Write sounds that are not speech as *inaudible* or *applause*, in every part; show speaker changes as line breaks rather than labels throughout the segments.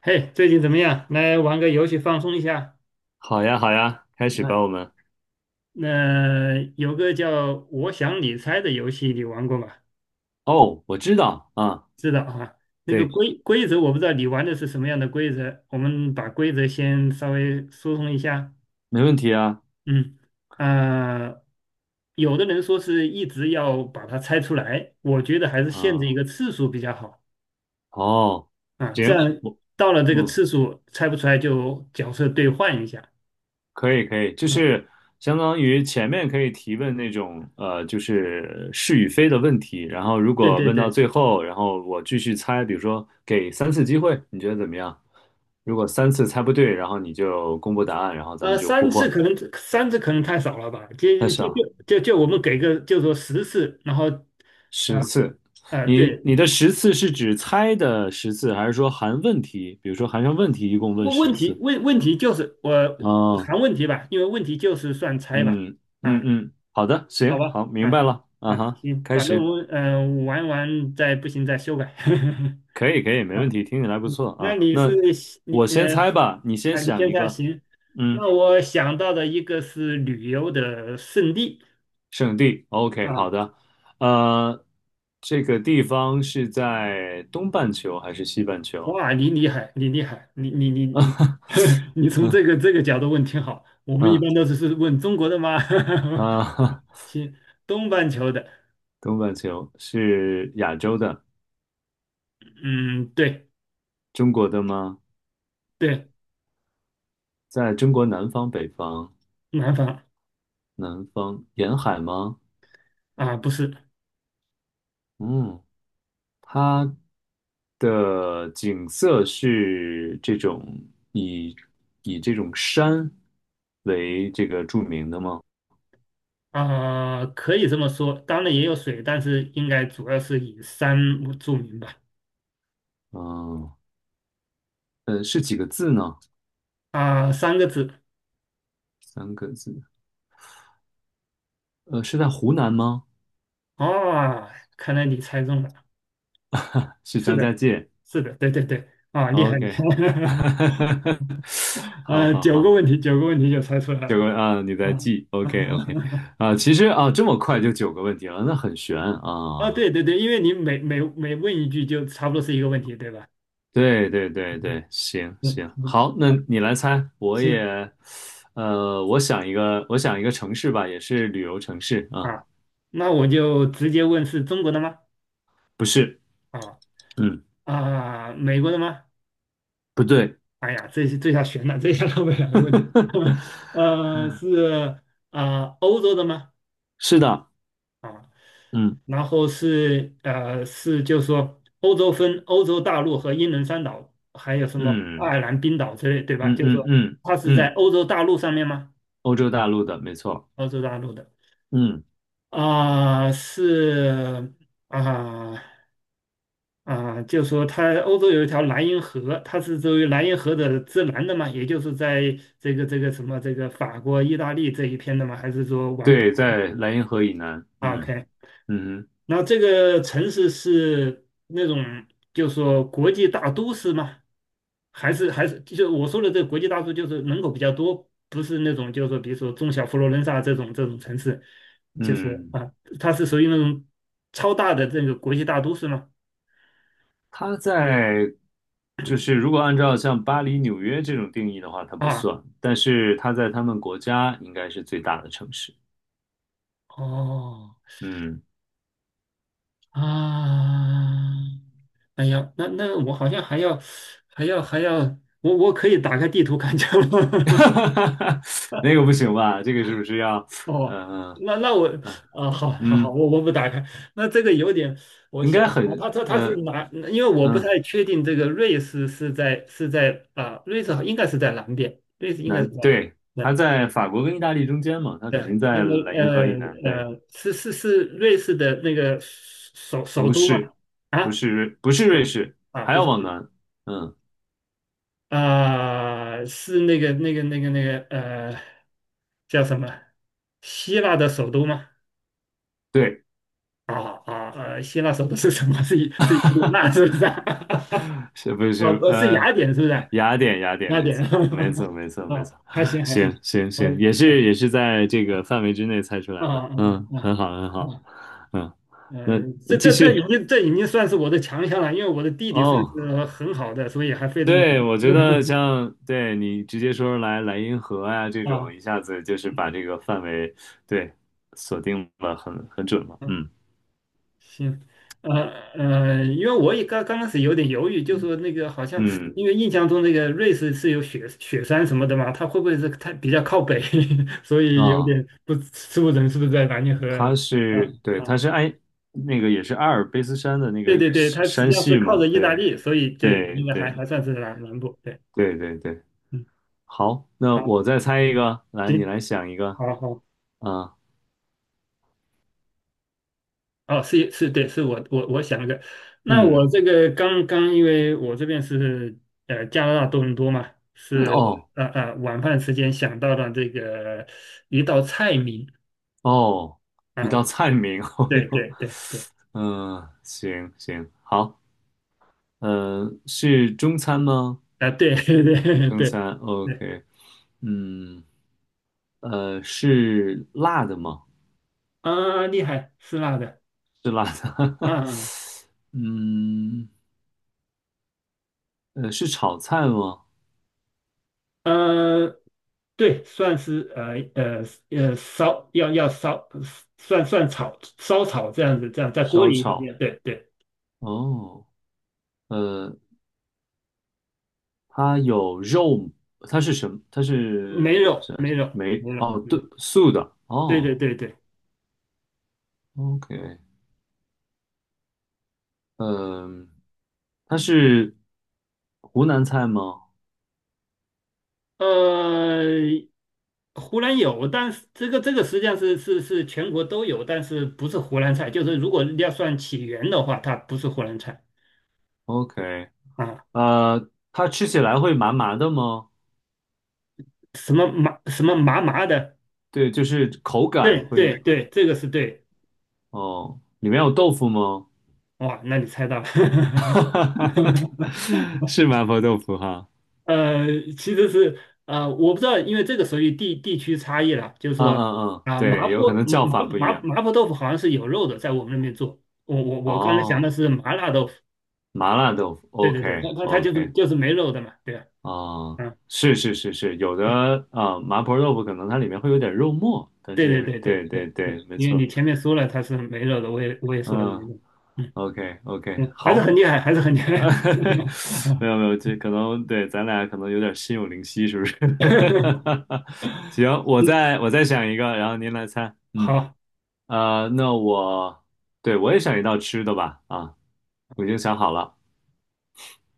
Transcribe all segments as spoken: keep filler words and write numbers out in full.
嘿，最近怎么样？来玩个游戏放松一下。
好呀，好呀，开始吧，
嗯，
我们。
那、有个叫"我想你猜"的游戏，你玩过吗？
哦，我知道啊，
知道啊。那个
对，
规规则我不知道你玩的是什么样的规则，我们把规则先稍微疏通一下。
没问题啊，
嗯，啊，有的人说是一直要把它猜出来，我觉得还是限制一
啊，
个次数比较好
哦，
啊。这
行，
样
我，
到了这个
嗯，
次数猜不出来就角色兑换一下。
可以，可以，就
啊，
是相当于前面可以提问那种，呃，就是是与非的问题，然后如
对
果
对
问到
对，
最后，然后我继续猜，比如说给三次机会，你觉得怎么样？如果三次猜不对，然后你就公布答案，然后咱们
呃，
就互
三次
换。
可能三次可能太少了吧？就
开始
就
啊，
就就就我们给个就说十次，然后，啊
十次，
啊，
你
对，
你的十次是指猜的十次，还是说含问题？比如说含上问题，一共问
问
十
问题
次？
问问题就是我
哦，
谈问题吧，因为问题就是算猜吧，
嗯嗯
啊，
嗯，好的，
好
行，
吧，
好，明
啊
白了，啊
啊，
哈，
行，
开
反正
始，
我们嗯、呃、玩完再不行再修改，
可以可以，
*laughs*
没问
啊，
题，听起来不错
那
啊。
你是
那
你
我先
呃
猜吧，你先
啊，你
想
现
一
在
个，
行，
嗯，
那我想到的一个是旅游的胜地
圣地，OK,好
啊。
的，呃，这个地方是在东半球还是西半球？
哇，你厉害，你厉害，你你你你，*laughs* 你从
嗯
这个这个角度问挺好。我们一
嗯
般都是是问中国的吗？
啊，*laughs* 哈，
*laughs* 行，东半球的，
东半球是亚洲的。
嗯，对
中国的吗？
对，
在中国南方、北方，
南方
南方沿海吗？
啊，不是
嗯，它的景色是这种以以这种山为这个著名的吗？
啊，可以这么说。当然也有水，但是应该主要是以山著名吧。
嗯，呃，是几个字呢？
啊，三个字
三个字。呃，是在湖南吗？
啊，看来你猜中了。
是
是
张家
的，
界。
是的，对对对，啊，厉害厉
OK,
害，
*laughs*
*laughs*
好
啊，
好
九个
好，
问题，九个问题就猜出来
九
了。
个啊，你在
啊。
记。OK OK,
*laughs*
啊，其实啊，这么快就九个问题了，那很悬
啊，
啊。
对对对，因为你每每每问一句，就差不多是一个问题，对吧？
对对对对，行
嗯
行，
嗯，
好，那
啊，
你来猜，我
行
也，呃，我想一个，我想一个城市吧，也是旅游城市啊，
啊，那我就直接问是中国的吗？
不是，
啊
嗯，
啊，美国的吗？
不对，
哎呀，这是这下悬了，这下绕不了问题。
*laughs*
*laughs* 呃，是啊，欧洲的吗？
是的，
啊，
嗯
然后是呃是就是说欧洲分欧洲大陆和英伦三岛，还有什么爱
嗯
尔兰、冰岛之类，对吧？
嗯
就是
嗯
说
嗯
它是在
嗯，
欧洲大陆上面吗？
欧洲大陆的，没错，
欧洲大陆的。
嗯，
啊、是啊啊、就说它欧洲有一条莱茵河，它是作为莱茵河的之南的嘛，也就是在这个这个什么这个法国、意大利这一片的嘛，还是说往北。
对，在莱茵河以南，
o k
嗯嗯哼
那这个城市是那种，就是说国际大都市吗？还是还是就是我说的这个国际大都市，就是人口比较多，不是那种就是说，比如说中小佛罗伦萨这种这种城市，就是说
嗯，
啊，它是属于那种超大的这个国际大都市吗？
它在，就是如果按照像巴黎、纽约这种定义的话，它不
啊，
算，但是它在他们国家应该是最大的城市。
哦
嗯，
啊，哎呀，那那我好像还要还要还要，我我可以打开地图看一下吗？*laughs*
*laughs* 那个不行吧？这个是不是要，
*laughs* 哦，
呃
那那我
呃
啊、好好好，
嗯，
我我不打开。那这个有点，我
应该
想想啊，
很
他说他是
呃
哪？因为我不
嗯
太确定这个瑞士是在是在啊、瑞士好应该是在南边，瑞士应该是
南
在
对，它
对
在法国跟意大利中间嘛，它肯
对
定
那
在
个
莱茵河以南。对，
呃呃，是是是瑞士的那个首首
不
都吗？
是，不
啊，
是瑞，不是
不
瑞
是
士，
啊，
还
不
要
是
往南。嗯，
啊、是那个那个那个那个呃，叫什么？希腊的首都吗？
对，
啊啊呃，希腊首的是什么？*laughs* 是是伊利纳是不是？*laughs* 啊，
是不是
不是
呃
雅典是不是？
雅典？雅典，
雅
没
典，
错，没错，没错，
*laughs*
没
啊，
错。
还行还
行
行，
行
可
行，
以
也是也是在这个范围之内猜出
啊
来的。
啊
嗯，
啊
很好，很
啊
好。
啊，
嗯，那
呃，这
继
这这已
续
经这已经算是我的强项了，因为我的地理算
哦。
是很好的，所以还费这么
对，我觉得像对你直接说来莱茵河啊这
*laughs*
种，
啊。
一下子就是把这个范围对锁定了很很准了。
啊
嗯
行，呃呃，因为我也刚刚开始有点犹豫，就说那个好像，
嗯
因为印象中那个瑞士是有雪雪山什么的嘛，它会不会是它比较靠北，*laughs* 所以有
啊，
点不吃不准是不是在南极河里
它
面
是对。
啊
它
啊？
是埃那个也是阿尔卑斯山的那个
对对对，它
山
实际
山
上是
系
靠
嘛。
着意大
对
利，所以对，
对
应该还
对
还算是南南部。对，
对对对，
嗯，
好，那我
好，
再猜一个，来你
行，
来想一个
好好。
啊，
哦，是是，对，是我我我想的。那我
嗯
这个刚刚，因为我这边是呃加拿大多伦多嘛，
嗯
是
哦
呃呃晚饭时间想到了这个一道菜名
哦，一
啊，
道菜名，*laughs* 哦
对
哟，
对对对
嗯，行行好。嗯，是中餐吗？
啊，对 *laughs* 对对
中
对
餐
对
，OK。嗯，呃，是辣的吗？
啊，厉害，是辣的
是辣的。
啊
*laughs* 嗯，呃，是炒菜吗？
呃，对，算是呃呃呃烧要要烧算算炒烧炒这样子，这样在锅
烧
里炒，
炒。
对对，
哦，呃，它有肉，它是什么？它是
没
我
有
想
没
想，
有
没，
没有
哦，
嗯。
对，素的。
对
哦
对对对，
，OK。嗯，它是湖南菜吗
呃，湖南有，但是这个这个实际上是是是全国都有，但是不是湖南菜，就是如果要算起源的话，它不是湖南菜
？OK,
啊，
呃，它吃起来会麻麻的吗？
什么麻什么麻麻的，
对，就是口感
对
会，
对对，这个是对，
哦，里面有豆腐吗？
哇，那你猜到了，*laughs*
*laughs* 是麻婆豆腐哈，
呃，其实是呃，我不知道，因为这个属于地地区差异了，就是
嗯
说
嗯嗯，
啊，麻
对，有可
婆
能叫
麻
法不一
麻麻
样。
麻婆豆腐好像是有肉的，在我们那边做，我我我刚才想
哦，
的是麻辣豆腐。
麻辣豆腐
对对对，
，OK
它它它就是
OK,
就是没肉的嘛，对吧？
哦，
嗯，
是是是是，有的啊、呃麻婆豆腐可能它里面会有点肉末，但
对对
是
对对
对对
对对对，
对，没
因为
错，
你前面说了它是没肉的，我也我也说了没
嗯
肉，嗯
，OK OK,
嗯，还是
好。
很厉害，还是很厉
*laughs*
害。*laughs*
哈，没有没有，这可能对咱俩可能有点心有灵犀，是不是？*laughs* 行，我
嗯，
再我再想一个，然后您来猜。嗯，
好，
呃，那我对我也想一道吃的吧。啊，我已经想好了。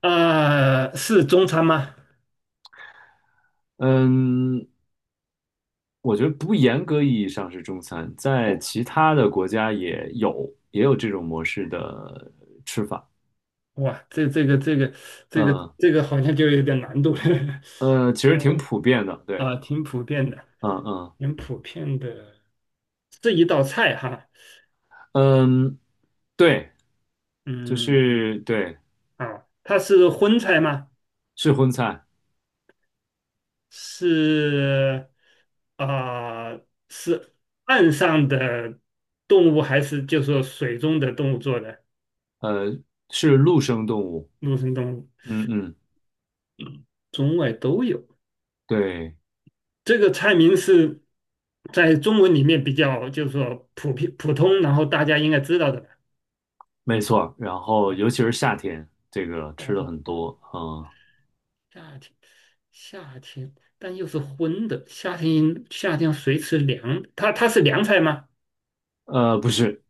呃，是中餐吗？
嗯，我觉得不严格意义上是中餐，在其他的国家也有也有这种模式的吃法。
哇，这这个这个这个
嗯
这个好像就有点难度了。*laughs*
呃，其实挺
嗯
普遍的。对，
啊，挺普遍的，
嗯嗯
挺普遍的，这一道菜哈。
嗯，对，就
嗯
是对，
啊，它是荤菜吗？
是荤菜。
是啊、呃是岸上的动物还是就说水中的动物做的？
呃，是陆生动物。
陆生动物，
嗯嗯，
中外都有。
对，
这个菜名是在中文里面比较就是说普遍普通，然后大家应该知道的吧。
没错。然后尤
嗯
其是夏天，这个
夏
吃的
天
很多。
哦，
啊。
夏天，夏天，但又是荤的。夏天，夏天谁吃凉？它它是凉菜吗？
呃，不是，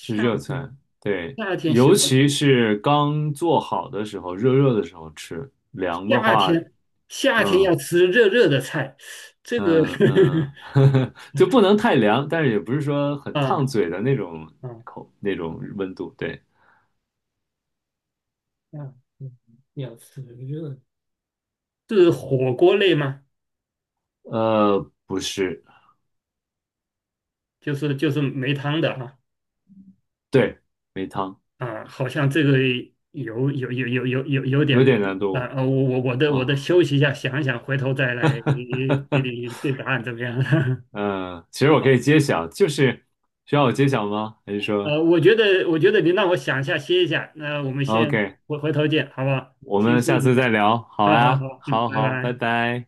是热
天，
餐。对，
夏天喜
尤
欢
其
吃。
是刚做好的时候，热热的时候吃。凉的
夏
话，
天夏天
嗯
要吃热热的菜，这个
嗯嗯，*laughs*
*laughs*
就不能太凉，但是也不是说很
啊
烫嘴的那种
啊
口那种温度。对，
啊，嗯要吃热是火锅类吗？
呃，不是，
就是就是没汤的啊
对，没汤，
啊，好像这个有有有有有有有点
有点难
啊
度。
啊，我我我的我
啊。
的休息一下，想一想，回头再来给你对答案怎么样？
嗯，其
*laughs*
实
好，
我可以揭晓，就是需要我揭晓吗？还是说
呃，我觉得我觉得你让我想一下，歇一下，那我们先
，OK,
回回头见，好不好？
我
先
们
休息
下
一
次
下，
再聊？好
好好
呀，
好，嗯，
好
拜
好，拜
拜。
拜。